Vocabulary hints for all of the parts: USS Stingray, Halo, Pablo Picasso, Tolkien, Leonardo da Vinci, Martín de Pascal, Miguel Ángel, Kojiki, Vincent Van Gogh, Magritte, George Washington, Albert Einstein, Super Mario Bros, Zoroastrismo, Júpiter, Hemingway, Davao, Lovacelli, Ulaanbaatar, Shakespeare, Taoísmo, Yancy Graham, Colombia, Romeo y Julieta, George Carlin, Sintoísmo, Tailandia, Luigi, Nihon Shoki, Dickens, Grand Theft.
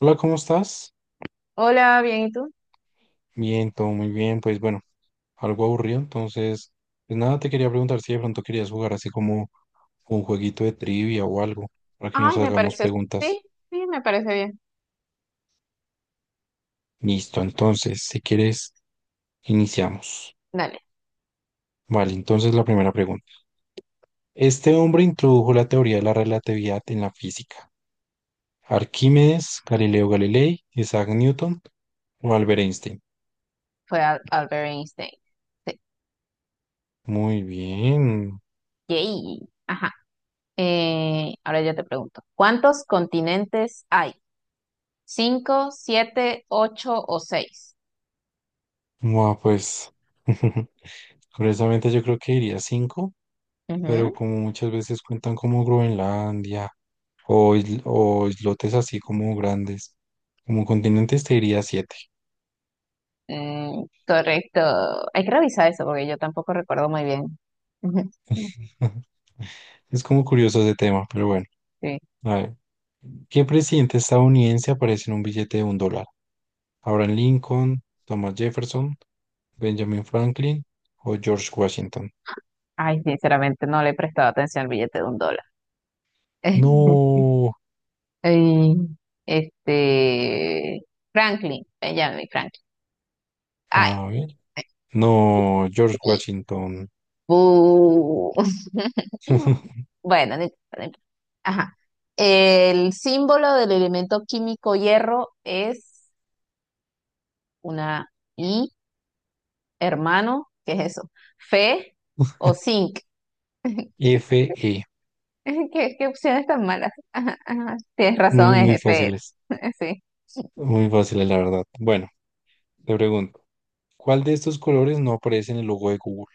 Hola, ¿cómo estás? Hola, bien, ¿y tú? Bien, todo muy bien. Pues bueno, algo aburrido, entonces, pues nada, te quería preguntar si de pronto querías jugar así como un jueguito de trivia o algo, para que nos Ay, me hagamos parece, preguntas. sí, sí, me parece bien. Listo, entonces, si quieres, iniciamos. Dale, Vale, entonces la primera pregunta. Este hombre introdujo la teoría de la relatividad en la física. Arquímedes, Galileo Galilei, Isaac Newton o Albert Einstein. fue Albert Einstein. Sí. Muy bien. Yay. Ajá. Ahora yo te pregunto, ¿cuántos continentes hay? ¿Cinco, siete, ocho o seis? Bueno, pues, curiosamente yo creo que iría cinco. Pero Ujú. como muchas veces cuentan como Groenlandia o, o islotes así como grandes, como continentes te diría siete. Mm, correcto. Hay que revisar eso porque yo tampoco recuerdo muy bien. Ujú. Es como curioso ese tema, pero bueno. Sí. A ver, ¿qué presidente estadounidense aparece en un billete de $1? ¿Abraham Lincoln, Thomas Jefferson, Benjamin Franklin o George Washington? Ay, sinceramente no le he prestado atención al billete de un dólar. No, Ay, Este, Franklin, Benjamin Franklin. Ay. a ver, no, George Washington. Bu. Bueno, no importa, no importa. Ajá. El símbolo del elemento químico hierro es una I, hermano, ¿qué es eso? Fe o zinc. F Fe, ¿Qué opciones tan malas? Ajá, ajá. Tienes razón, muy, es Fe. Sí. muy fáciles la verdad. Bueno, te pregunto. ¿Cuál de estos colores no aparece en el logo de Google?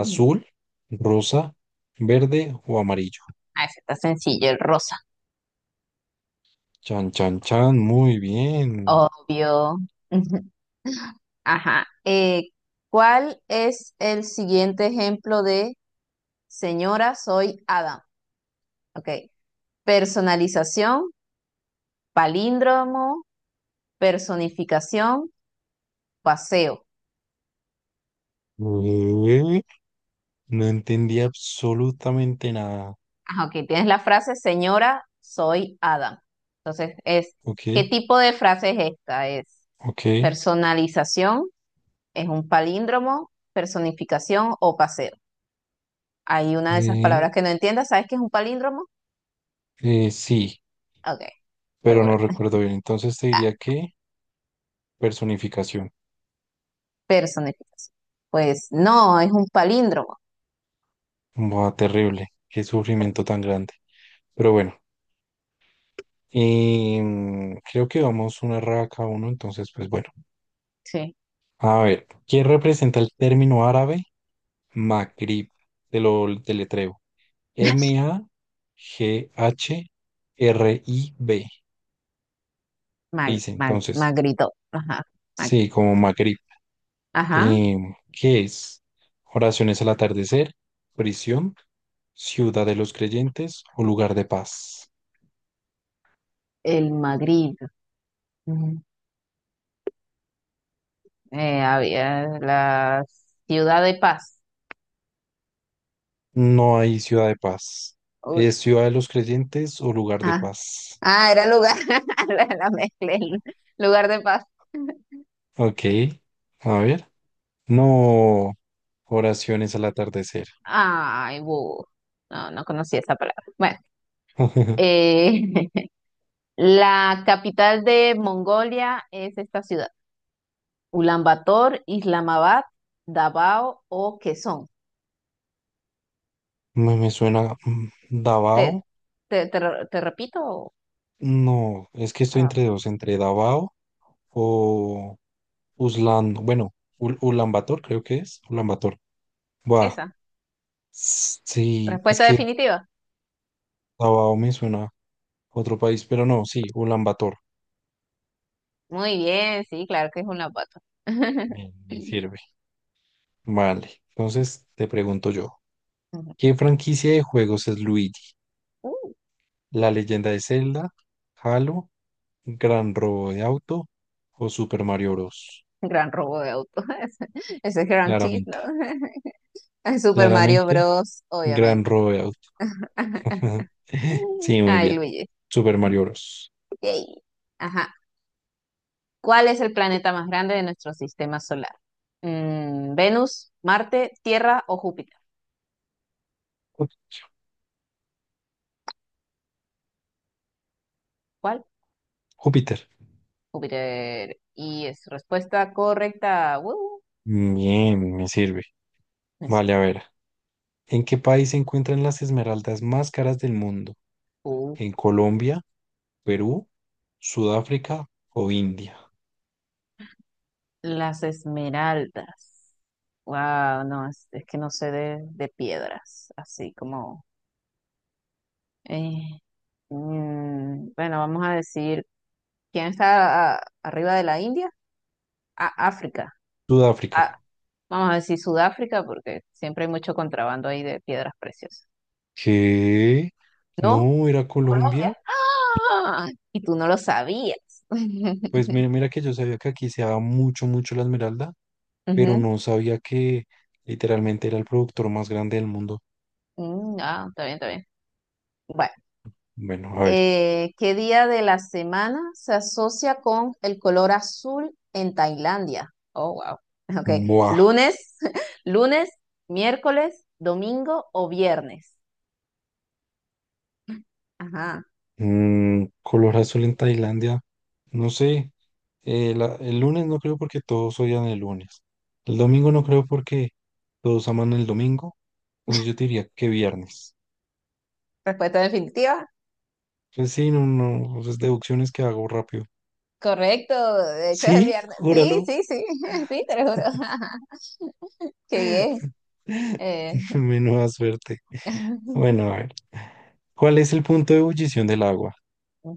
Ujú. rosa, verde o amarillo? Ah, ese está sencillo, el rosa. Chan, chan, chan, muy bien. Obvio. Ujú. Ajá. ¿Cuál es el siguiente ejemplo de señora, soy Adam? Ok. Personalización, palíndromo, personificación, paseo. Ué, no entendí absolutamente nada. Ah, ok, tienes la frase, señora, soy Adam. Entonces, Ok, ¿qué tipo de frase es esta? Es ok. personalización, es un palíndromo, personificación o paseo. Hay una de esas eh, palabras que no entiendas, ¿sabes qué es un palíndromo? Sí, Ok, pero seguro. no recuerdo bien. Entonces te diría que personificación. Personificación. Pues no, es un palíndromo. Buah, terrible. Qué sufrimiento tan grande. Pero bueno, creo que vamos una raya cada uno. Entonces, pues bueno. Sí. A ver, ¿quién representa el término árabe? Maghrib, te lo deletreo. M-A-G-H-R-I-B. Mag, Dice mag, entonces, magrito. Ajá. mag- sí, como Maghrib. Ajá. ¿Qué es? Oraciones al atardecer, prisión, ciudad de los creyentes o lugar de paz. El Magritte. Ujú. Había la Ciudad de Paz. No hay ciudad de paz. Uy. ¿Es ciudad de los creyentes o lugar de Ah, paz? ah, era lugar, la mezclé, lugar de paz. Ok, a ver. No, oraciones al atardecer. Ay, bu. No, no conocía esa palabra. Bueno, eh, la capital de Mongolia es esta ciudad. Ulaanbaatar, Islamabad, Davao o Quezón. Me suena Te, Davao. te repito No, es que estoy ah, entre dos, entre Davao o Uslan, bueno, Ul Ulaanbaatar creo que es, Ulaanbaatar. Buah, esa. Sí, es Respuesta que definitiva. Davao me suena a otro país, pero no, sí, Ulaanbaatar Muy bien, sí, claro que es Ulaanbaatar. me sirve. Vale, entonces te pregunto yo, ¿qué franquicia de juegos es Luigi? Ujú. ¿La leyenda de Zelda, Halo, Gran Robo de Auto o Super Mario Bros? Gran robo de auto. Ese es Grand Theft, ¿no? Claramente, Super Mario claramente, Bros, Gran obviamente. Robo de Auto. Ajá. Sí, muy Ay, bien. Luigi. Super Mario Bros. Yay. Ajá. ¿Cuál es el planeta más grande de nuestro sistema solar? Venus, Marte, Tierra o Júpiter. Jú- ¿Cuál? Júpiter. Júpiter. Y es respuesta correcta. ¡Woo! Bien, me sirve. Es Vale, a ver. ¿En qué país se encuentran las esmeraldas más caras del mundo? U. ¿En Colombia, Perú, Sudáfrica o India? Las esmeraldas. Wow, no, es que no sé de piedras, así como. eh, bueno, vamos a decir, ¿quién está arriba de la India? África. Sudáfrica. Ah, vamos a decir Sudáfrica porque siempre hay mucho contrabando ahí de piedras preciosas. ¿Qué? ¿No? No, era Colombia. Colombia. Ah, y tú no lo sabías. Pues mira, mira que yo sabía que aquí se daba mucho, mucho la esmeralda, pero Ujú. no sabía que literalmente era el productor más grande del mundo. Ah, está bien, está bien. Bueno, Bueno, a ver. ¿Qué día de la semana se asocia con el color azul en Tailandia? Oh, wow. Ok, Buah. lunes, lunes, miércoles, domingo o viernes. Ajá. Color azul en Tailandia. No sé. El lunes no creo porque todos odian el lunes. El domingo no creo porque todos aman el domingo. Entonces yo te diría que viernes. Respuesta definitiva. Pues sí, no, no, pues es deducciones que hago rápido. Correcto, de hecho es el Sí, viernes. Sí, júralo. sí, sí, sí, te lo juro. Qué bien. Eh, Menuda suerte. Bueno, a ver. ¿Cuál es el punto de ebullición del agua?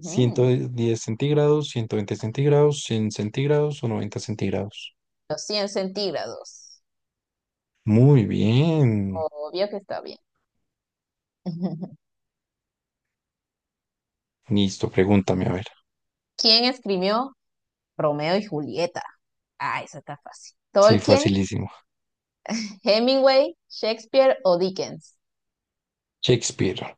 ciento diez centígrados, 120 centígrados, 100 centígrados o 90 centígrados? 100 centígrados. Muy bien. Obvio que está bien. Listo, pregúntame, a ver. ¿Quién escribió Romeo y Julieta? Ah, eso está fácil. Sí, ¿Tolkien, facilísimo. Hemingway, Shakespeare o Dickens? Shakespeare.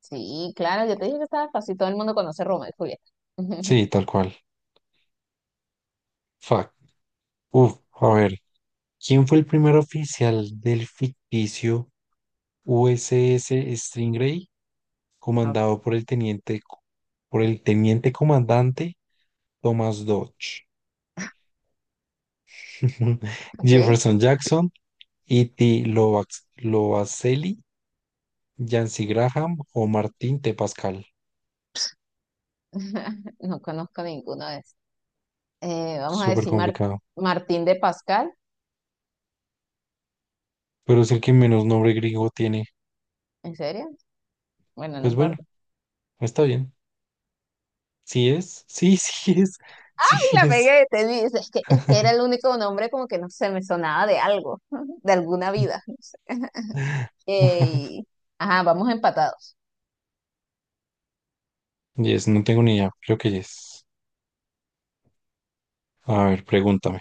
Sí, claro, yo te dije que estaba fácil. Todo el mundo conoce Romeo y Julieta. Sí, tal cual. Fuck. Uf, a ver. ¿Quién fue el primer oficial del ficticio USS Stingray, comandado por el teniente comandante Thomas Dodge? Ok. Jefferson Jackson, E.T. Lovacelli, Yancy Graham o Martín T. Pascal. No conozco ninguno de vamos a Súper decir Mar- complicado. Martín de Pascal, Pero es el que menos nombre griego tiene. ¿en serio? Bueno, no Pues bueno, importa. está bien. ¿Sí es? Sí, sí es. Sí Ay, la es. pegué, es que era el único nombre como que no se me sonaba de algo, de alguna vida, no sé. Eh, ajá, vamos empatados. Yes, no tengo ni idea. Creo que yes. A ver, pregúntame.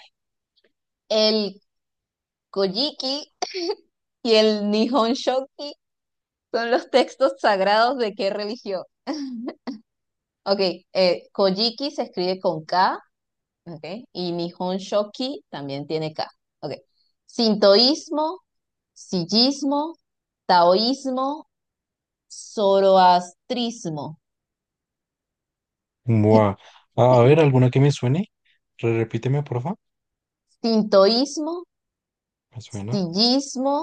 El Kojiki y el Nihon Shoki son los textos sagrados de qué religión. Ok, Kojiki se escribe con K, ok, y Nihon Shoki también tiene K. Ok. Sintoísmo, sillismo, taoísmo zoroastrismo, Buah. A ver, ¿alguna que me suene? Repíteme, porfa. sintoísmo, ¿Me suena? sillismo,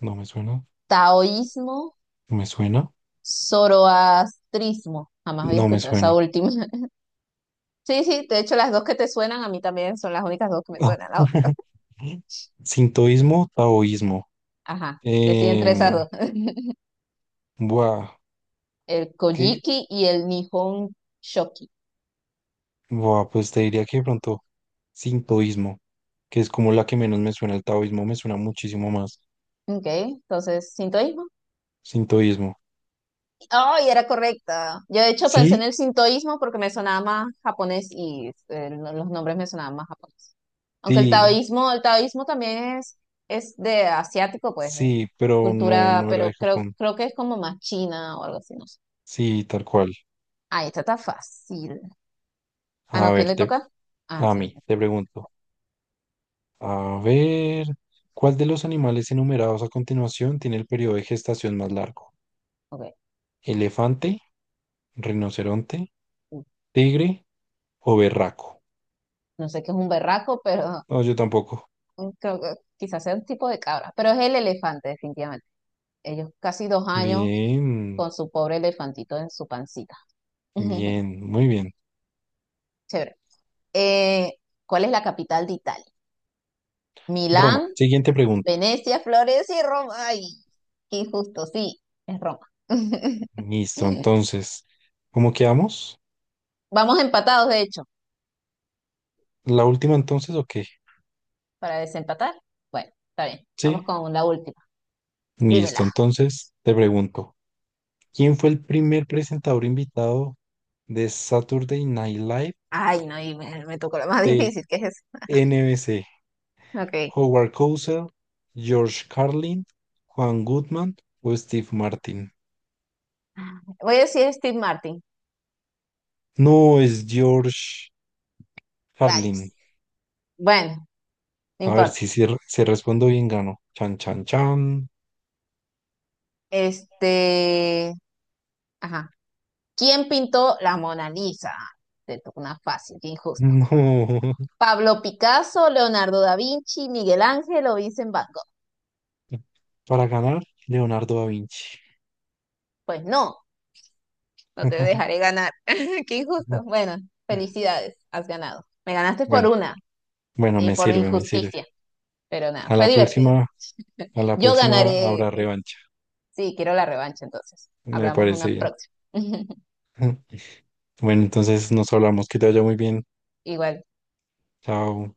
¿No me suena? taoísmo, ¿No me suena? zoroastrismo. Jamás había No me escuchado esa suena. última. Sí, sí, de hecho las dos que te suenan a mí también son las únicas dos que me Ah. suenan. Las otras. Sintoísmo, taoísmo. Ajá, decidí entre esas Em, dos. buah, El ¿qué? Kojiki y el Nihon Shoki. Buah, pues te diría que de pronto sintoísmo, que es como la que menos me suena. El taoísmo me suena muchísimo más. Ok, entonces, sintoísmo. Sintoísmo. Ay, era correcta. Yo de hecho pensé en ¿Sí? el sintoísmo porque me sonaba más japonés y los nombres me sonaban más japonés. Aunque el Sí, taoísmo, el taoísmo también es de asiático, pues, sí, pero no, cultura, no era de pero creo, Japón. creo que es como más china o algo así, no sé. Sí, tal cual. Ah, esta está fácil. Ah, A no, ¿quién ver, le toca? Ah, a sí, mí, te pregunto. A ver, ¿cuál de los animales enumerados a continuación tiene el periodo de gestación más largo? ok. ¿Elefante, rinoceronte, tigre o berraco? No sé qué es un berraco, pero No, yo tampoco. creo que quizás sea un tipo de cabra. Pero es el elefante, definitivamente. Ellos casi 2 años Bien, con su pobre elefantito en su pancita. bien, muy bien. Chévere. Eh, ¿Cuál es la capital de Italia? Roma, Milán, siguiente pregunta. Venecia, Florencia y Roma. Ay, qué injusto. Sí, es Roma. Listo, entonces, ¿cómo quedamos? Vamos empatados, de hecho, ¿La última entonces o qué? para desempatar. Bueno, está bien. Vamos Sí, con la última. listo, Dímela. entonces te pregunto. ¿Quién fue el primer presentador invitado de Saturday Night Live Ay, no, y me tocó la más de difícil, ¿qué es eso? NBC? Ok. ¿Howard Cosell, George Carlin, Juan Goodman o Steve Martin? Voy a decir Steve Martin. No, es George Carlin. Rayos. Bueno, no A ver si, importa. Respondo bien, gano. Chan, chan, chan. Este, ajá. ¿Quién pintó la Mona Lisa? Te tocó una fácil, qué injusto. No. Pablo Picasso, Leonardo da Vinci, Miguel Ángel o Vincent Van Gogh. Para ganar, Leonardo da Vinci. Pues no, no te dejaré ganar. Qué injusto. No. Bueno, felicidades, has ganado. Me ganaste por Bueno, una bueno, y me por sirve, me sirve. injusticia, pero nada, A fue la divertido. próxima, a la Yo próxima habrá ganaré. revancha. Sí, quiero la revancha entonces. Me Hablamos parece una bien. próxima. Bueno, entonces nos hablamos, que te vaya muy bien. Igual. Chao.